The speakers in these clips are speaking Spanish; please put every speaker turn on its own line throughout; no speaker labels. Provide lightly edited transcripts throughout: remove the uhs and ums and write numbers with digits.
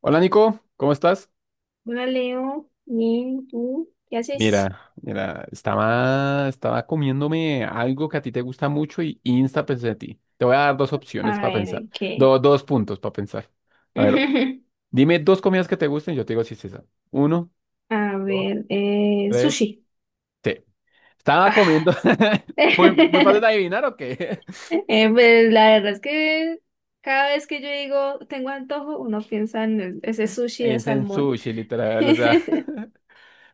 Hola Nico, ¿cómo estás?
Hola Leo, bien, ¿tú qué haces?
Mira, mira, estaba comiéndome algo que a ti te gusta mucho y insta pensé en ti. Te voy a dar dos opciones
A
para pensar,
ver, ¿qué?
dos puntos para pensar. A ver, dime dos comidas que te gusten y yo te digo si es esa. Uno,
A
dos,
ver,
tres,
sushi.
sí. Estaba
Ah.
comiendo, muy, muy fácil de adivinar o qué.
Pues la verdad es que cada vez que yo digo tengo antojo, uno piensa en ese sushi de
En
salmón.
sushi, literal, o sea.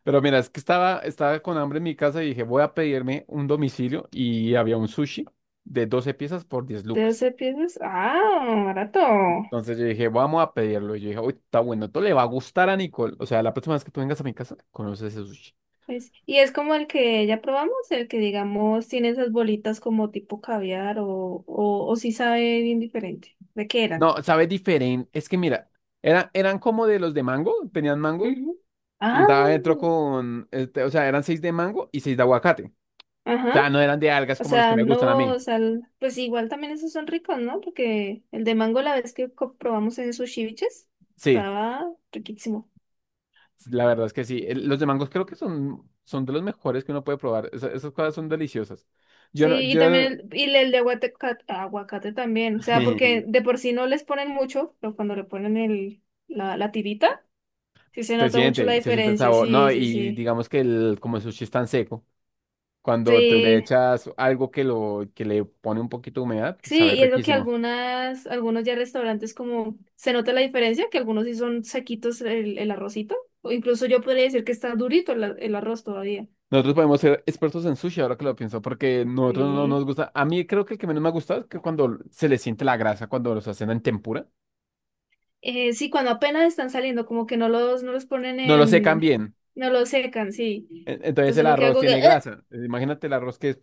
Pero mira, es que estaba con hambre en mi casa y dije, voy a pedirme un domicilio y había un sushi de 12 piezas por 10 lucas.
Entonces piensas, ah, barato.
Entonces yo dije, vamos a pedirlo. Y yo dije, uy, está bueno, esto le va a gustar a Nicole. O sea, la próxima vez que tú vengas a mi casa, conoces ese sushi.
Pues, y es como el que ya probamos, el que digamos tiene esas bolitas como tipo caviar o sí sabe bien diferente. ¿De qué eran?
No, sabe diferente. Es que mira, eran como de los de mango, tenían mango,
Ujú.
y
Ah.
estaba dentro con, este, o sea, eran seis de mango y seis de aguacate. O
Ajá,
sea, no eran de algas
o
como los que
sea,
me gustan a
no,
mí.
o sea, pues igual también esos son ricos, ¿no? Porque el de mango la vez que probamos en sus ceviches
Sí,
estaba riquísimo.
la verdad es que sí. Los de mangos creo que son de los mejores que uno puede probar. Esas cosas son deliciosas. Yo no,
Sí, y
yo,
también y el de aguacate, aguacate también, o sea, porque de por sí no les ponen mucho, pero cuando le ponen la tirita, sí se
se
nota mucho la
siente, se siente el
diferencia,
sabor. No,
sí, sí,
y
sí.
digamos que el, como el sushi es tan seco. Cuando tú le
Sí.
echas algo que, lo, que le pone un poquito de humedad, pues
Sí,
sabe
y es lo que
riquísimo.
algunas, algunos ya restaurantes como se nota la diferencia, que algunos sí son sequitos el arrocito, o incluso yo podría decir que está durito el arroz todavía.
Nosotros podemos ser expertos en sushi, ahora que lo pienso, porque nosotros no
Sí.
nos gusta. A mí creo que el que menos me ha gustado es que cuando se le siente la grasa, cuando los hacen en tempura,
Sí, cuando apenas están saliendo, como que no los ponen
no lo secan
en,
bien.
no los secan, sí.
Entonces
Entonces
el
uno queda
arroz
como que,
tiene
"Ugh".
grasa. Imagínate el arroz que es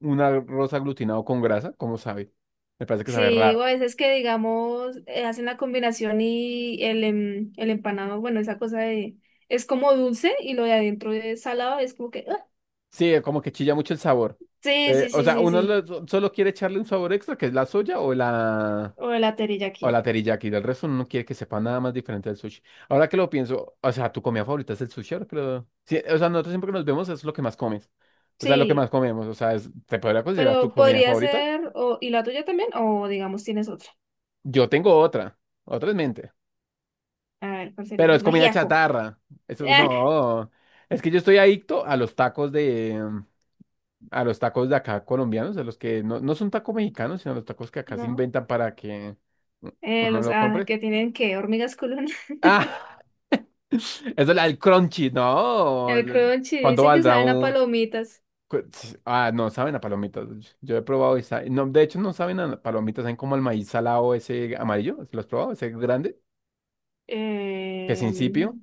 un arroz aglutinado con grasa, ¿cómo sabe? Me parece que sabe
Sí, o
raro.
a veces que digamos, hacen la combinación y el empanado, bueno, esa cosa de, es como dulce y lo de adentro es salado, es como que, "Ugh".
Sí, como que chilla mucho el sabor.
Sí,
Eh,
sí,
o
sí,
sea,
sí, sí.
solo quiere echarle un sabor extra, que es la soya o la...
O el terilla aquí.
O la teriyaki del resto uno no quiere que sepa nada más diferente del sushi. Ahora que lo pienso, o sea, tu comida favorita es el sushi, ahora que lo- Sí, o sea, nosotros siempre que nos vemos es lo que más comes. O sea, lo que más
Sí,
comemos, o sea, es- ¿te podría considerar tu
pero
comida
podría
favorita?
ser. O, ¿y la tuya también? O digamos, tienes otra.
Yo tengo otra en mente,
A ver, ¿cuál sería?
pero es
Un
comida
ajiaco.
chatarra. Eso
Ah,
no, es que yo estoy adicto a los tacos de, a los tacos de acá colombianos, a los que no, no son tacos mexicanos, sino los tacos que acá se
no.
inventan para que uno lo compre.
Que tienen que hormigas culonas.
Ah, eso es la del crunchy, ¿no?
El crunchy,
¿Cuánto
dicen que
valdrá
saben a
un...?
palomitas.
Ah, no, saben a palomitas. Yo he probado y no, de hecho, no saben a palomitas, saben como al maíz salado ese amarillo. ¿Lo has probado? Ese grande, que es
Eh,
incipio.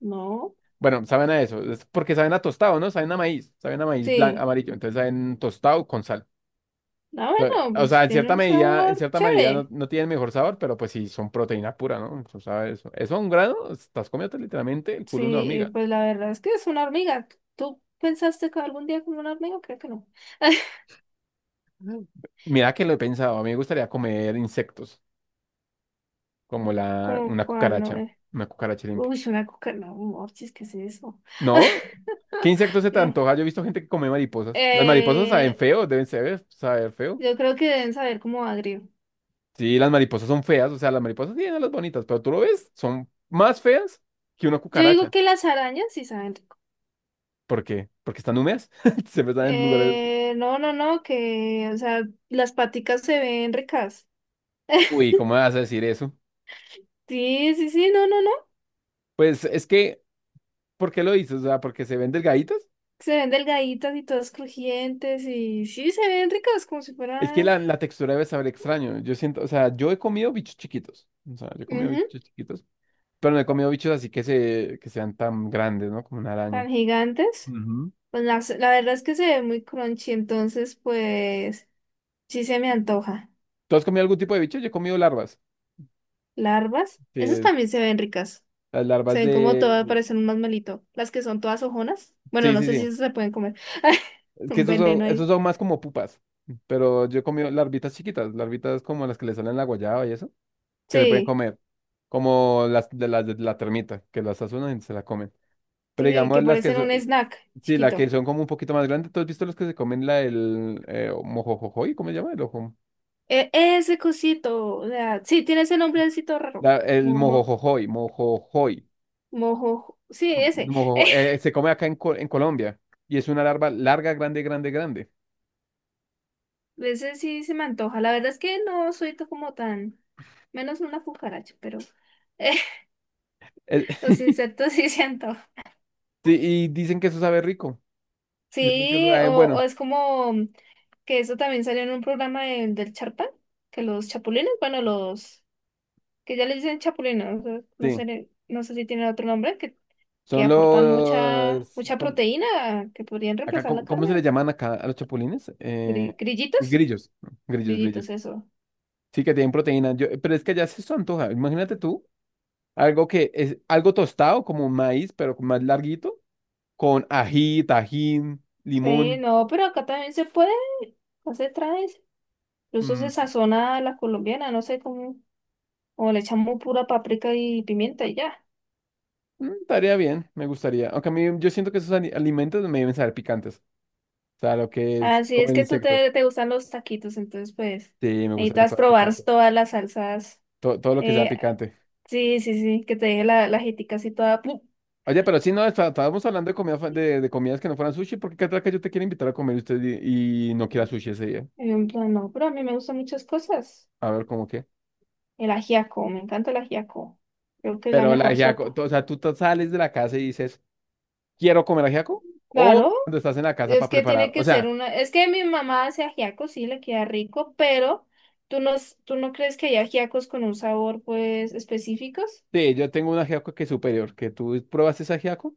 no,
Bueno, saben a eso. Es porque saben a tostado, ¿no? Saben a maíz. Saben a maíz blanco,
sí.
amarillo. Entonces saben tostado con sal.
Ah,
Entonces,
bueno,
o sea,
pues
en
tiene
cierta
un
medida, en
sabor
cierta medida no,
chévere.
no tienen mejor sabor, pero pues sí son proteína pura, ¿no? Tú sabes, eso. Eso a un grano, estás comiendo literalmente el culo de una
Sí,
hormiga.
pues la verdad es que es una hormiga. ¿Tú pensaste que algún día como una hormiga? Creo que no.
Mira que lo he pensado, a mí me gustaría comer insectos, como la,
Como cuál, no.
una cucaracha limpia.
Uy, una coca, no, Morchis, ¿qué es eso?
¿No? ¿Qué insectos se te
No.
antoja? Yo he visto gente que come mariposas. Las mariposas saben
Eh,
feo, deben saber feo.
yo creo que deben saber como agrio.
Sí, las mariposas son feas, o sea, las mariposas tienen las bonitas, pero tú lo ves, son más feas que una
Yo digo
cucaracha.
que las arañas sí saben rico.
¿Por qué? Porque están húmedas, siempre están en lugares...
No, no, no, o sea, las paticas se ven ricas.
Uy, ¿cómo vas a decir eso?
Sí, sí, sí, no, no, no.
Pues es que, ¿por qué lo dices? O sea, ¿porque se ven delgaditas?
Se ven delgaditas y todas crujientes y sí, se ven ricas como si
Es que
fueran
la textura debe saber extraño. Yo siento, o sea, yo he comido bichos chiquitos. O sea, yo he comido
ujú,
bichos chiquitos, pero no he comido bichos así que, se, que sean tan grandes, ¿no? Como una
tan
araña.
gigantes.
Ujú.
Pues la verdad es que se ve muy crunchy, entonces pues sí se me antoja.
¿Tú has comido algún tipo de bicho? Yo he comido larvas,
Larvas, esas
que
también se ven ricas.
las
Se
larvas
ven como todas,
de...
parecen un masmelito. Las que son todas ojonas. Bueno,
Sí,
no
sí,
sé
sí.
si esas se pueden comer.
Es que
Un veneno
esos
ahí.
son más como pupas. Pero yo he comido larvitas chiquitas, larvitas como las que le salen la guayaba y eso, que se pueden
Sí,
comer. Como las de la termita, que las azulan y se la comen. Pero
sí, que
digamos las que,
parecen un snack
sí, la que
chiquito.
son como un poquito más grandes. ¿Tú has visto los que se comen la del mojojojoy? ¿Cómo se llama?
Ese cosito, o sea, sí, tiene ese nombrecito raro.
El
Momo,
mojojojoy, mojojoy.
mojo, sí, ese.
Se come acá en Colombia y es una larva larga, grande, grande, grande.
Ese sí se me antoja. La verdad es que no soy como tan, menos una cucaracha, pero
Eh,
los insectos sí siento.
sí, y dicen que eso sabe rico. Dicen que eso
Sí,
sabe
o
bueno.
es como que eso también salió en un programa del Charpa, que los chapulines, bueno, los que ya le dicen chapulines, o sea, no
Sí,
sé, no sé si tienen otro nombre, que
son
aportan
los...
mucha, mucha proteína, que podrían
acá,
reemplazar la
¿cómo se
carne.
le llaman acá a los chapulines? Eh,
Grillitos,
grillos, grillos,
grillitos,
grillos.
eso.
Sí, que tienen proteína. Yo, pero es que allá sí se eso antoja. Imagínate tú. Algo que es algo tostado, como maíz, pero más larguito, con ají, tajín,
Sí,
limón.
no, pero acá también se puede, no se trae, incluso
Mm,
se sazona a la colombiana, no sé cómo, o le echamos pura paprika y pimienta y ya.
estaría bien, me gustaría. Aunque a mí yo siento que esos alimentos me deben saber picantes. O sea, lo que es
Así es
comer
que tú
insectos.
te gustan los taquitos, entonces pues
Sí, me gustan las
necesitas
cosas
probar
picantes.
todas las salsas.
Todo lo que sea
Eh,
picante.
sí, sí, sí, que te deje la ajítica así toda. ¡Pum!
Oye, pero si no, estábamos hablando de, comida, de comidas que no fueran sushi, porque qué tal que yo te quiero invitar a comer y usted y no quiera sushi ese día.
Y yo en plan, no, pero a mí me gustan muchas cosas.
A ver, ¿cómo qué?
El ajiaco, me encanta el ajiaco. Creo que es la
Pero la
mejor
ajiaco,
sopa.
o sea, tú te sales de la casa y dices, quiero comer ajiaco o
Claro,
cuando estás en la casa
es
para
que tiene
preparar. O
que ser
sea,
una. Es que mi mamá hace ajiaco, sí, le queda rico, pero ¿tú no, tú no crees que hay ajiacos con un sabor pues específicos?
sí, yo tengo un ajiaco que es superior, que tú pruebas ese ajiaco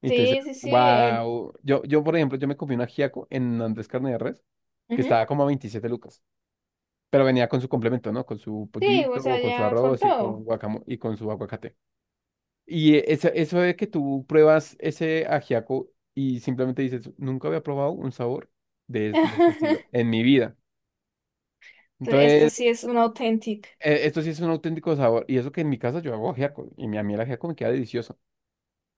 y te dices,
Sí, sí, sí.
wow. Yo, por ejemplo, yo me comí un ajiaco en Andrés Carne de Res que
Ujú.
estaba como a 27 lucas, pero venía con su complemento, ¿no? Con su
Sí, o
pollito,
sea,
con su
ya con
arroz y con
todo.
guacamo y con su aguacate. Y eso, eso de que tú pruebas ese ajiaco y simplemente dices, nunca había probado un sabor de este estilo en mi vida.
Este
Entonces,
sí es un auténtico.
esto sí es un auténtico sabor. Y eso que en mi casa yo hago ajiaco. Y a mí el ajiaco me queda delicioso.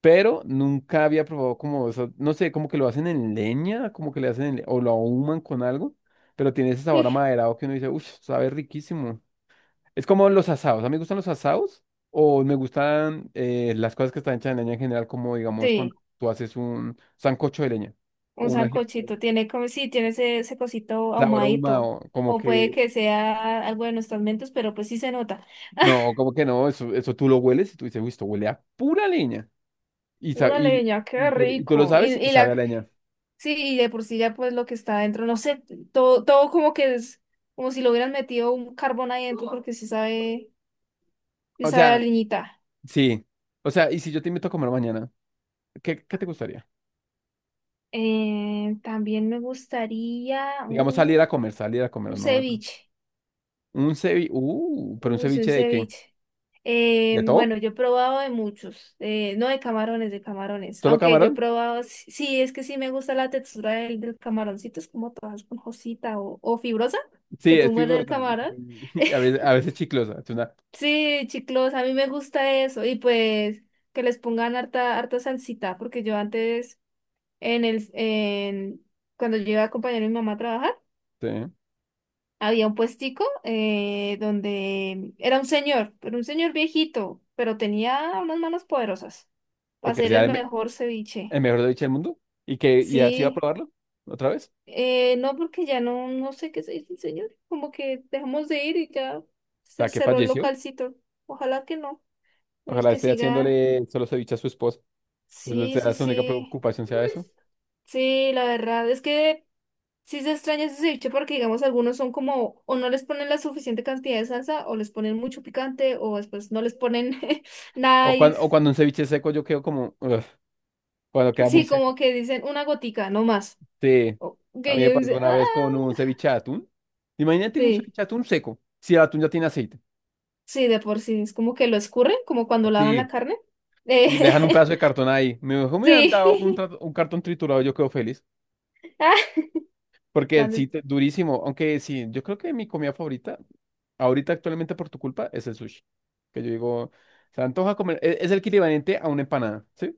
Pero nunca había probado como eso. No sé, como que lo hacen en leña, como que le hacen en o lo ahuman con algo. Pero tiene ese sabor amaderado que uno dice, uff, sabe riquísimo. Es como los asados. A mí me gustan los asados. O me gustan las cosas que están hechas en leña en general, como digamos cuando
Sí,
tú haces un sancocho de leña. O
un
un ajiaco de
sancochito.
leña.
Tiene como, sí, tiene ese, ese cosito
Sabor
ahumadito.
ahumado. Como
O puede
que.
que sea algo de nuestros mentos, pero pues sí se nota.
No, como que no. Eso tú lo hueles y tú dices, uy, esto huele a pura leña. Y, sa-
Pura
y,
leña, qué
y tú lo
rico.
sabes y sabe a leña.
Sí, y de por sí ya pues lo que está adentro, no sé, todo, todo como que es, como si lo hubieran metido un carbón ahí adentro, porque sí
O
sabe a
sea,
leñita.
sí. O sea, y si yo te invito a comer mañana, ¿qué te gustaría?
También me gustaría
Digamos, salir a
un
comer, ¿no?
ceviche.
Un ceviche, pero un
Uy, un
ceviche de qué?
ceviche.
¿De todo?
Bueno, yo he probado de muchos, no de camarones, de camarones.
¿Solo
Aunque yo he
camarón?
probado, sí, sí, es que sí me gusta la textura del camaroncito, es como toda esponjosita o fibrosa, que
Sí, es
tú muerdes el
fibrosa
camarón.
y, y a veces, a veces chiclosa. Es una,
Sí, chiclos, a mí me gusta eso. Y pues que les pongan harta, harta salsita, porque yo antes, en el, en, cuando yo iba a acompañar a mi mamá a trabajar,
sí,
había un puestico donde era un señor, pero un señor viejito, pero tenía unas manos poderosas para
porque
hacer el
sea el,
mejor
el
ceviche.
mejor ceviche del mundo y que y así va a
Sí,
probarlo otra vez.
no porque ya no, no sé qué se dice el señor, como que dejamos de ir y ya
O
se
sea, que
cerró el
falleció.
localcito. Ojalá que no, uno es
Ojalá
que
esté
siga.
haciéndole solo ceviche a su esposa. Es la
Sí, sí,
su única
sí,
preocupación sea eso.
sí, la verdad es que sí se extraña ese ceviche porque, digamos, algunos son como, o no les ponen la suficiente cantidad de salsa, o les ponen mucho picante, o después no les ponen nada. y s-
O cuando un ceviche seco yo quedo como... "Ugh", cuando queda muy
Sí,
seco.
como que dicen una gotica, no más.
Sí,
O-
a
Que
mí me
yo
pasó
dice,
una
ah,
vez con un ceviche de atún. Imagínate un
sí,
ceviche de atún seco, si el atún ya tiene aceite.
sí, de por sí. Es como que lo escurren, como cuando lavan la
Sí,
carne.
y dejan un
Eh,
pedazo de cartón ahí. Me dijo, me han
sí.
dado un, un cartón triturado, yo quedo feliz.
Ah,
Porque
plan
sí,
de-
durísimo. Aunque sí, yo creo que mi comida favorita, ahorita actualmente por tu culpa, es el sushi. Que yo digo, se antoja comer, es, el equivalente a una empanada, ¿sí?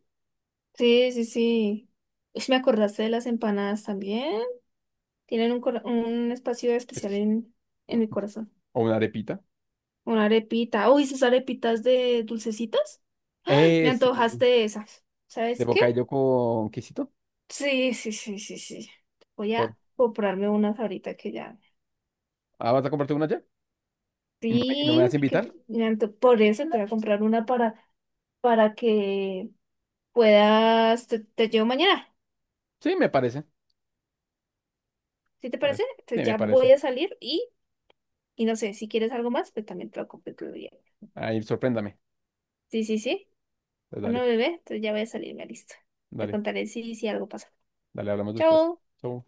Sí, sí, sí. Ush, me acordaste de las empanadas también. Tienen un, un espacio
Es
especial
que-
en mi corazón.
o una arepita.
Una arepita. Uy, esas arepitas de dulcecitas. Me
Sí,
antojaste de esas.
de
¿Sabes qué?
bocadillo con quesito.
Sí, sí, sí, sí, sí. Voy
Por,
a comprarme unas ahorita que ya.
ah, ¿vas a comprarte una ya? ¿Y no me
Sí,
vas a
porque
invitar?
por eso te voy a comprar una para que puedas, te llevo mañana.
Sí, me parece.
¿Sí te
pare-
parece?
Sí,
Entonces
me
ya
parece.
voy a salir y no sé, si quieres algo más, pues también te lo compro otro día.
Ahí, sorpréndame.
Sí, sí, sí.
Pues
Bueno,
dale,
bebé, entonces ya voy a salir, me listo. Te
dale,
contaré si algo pasa.
dale, hablamos después.
Chao.
Chau.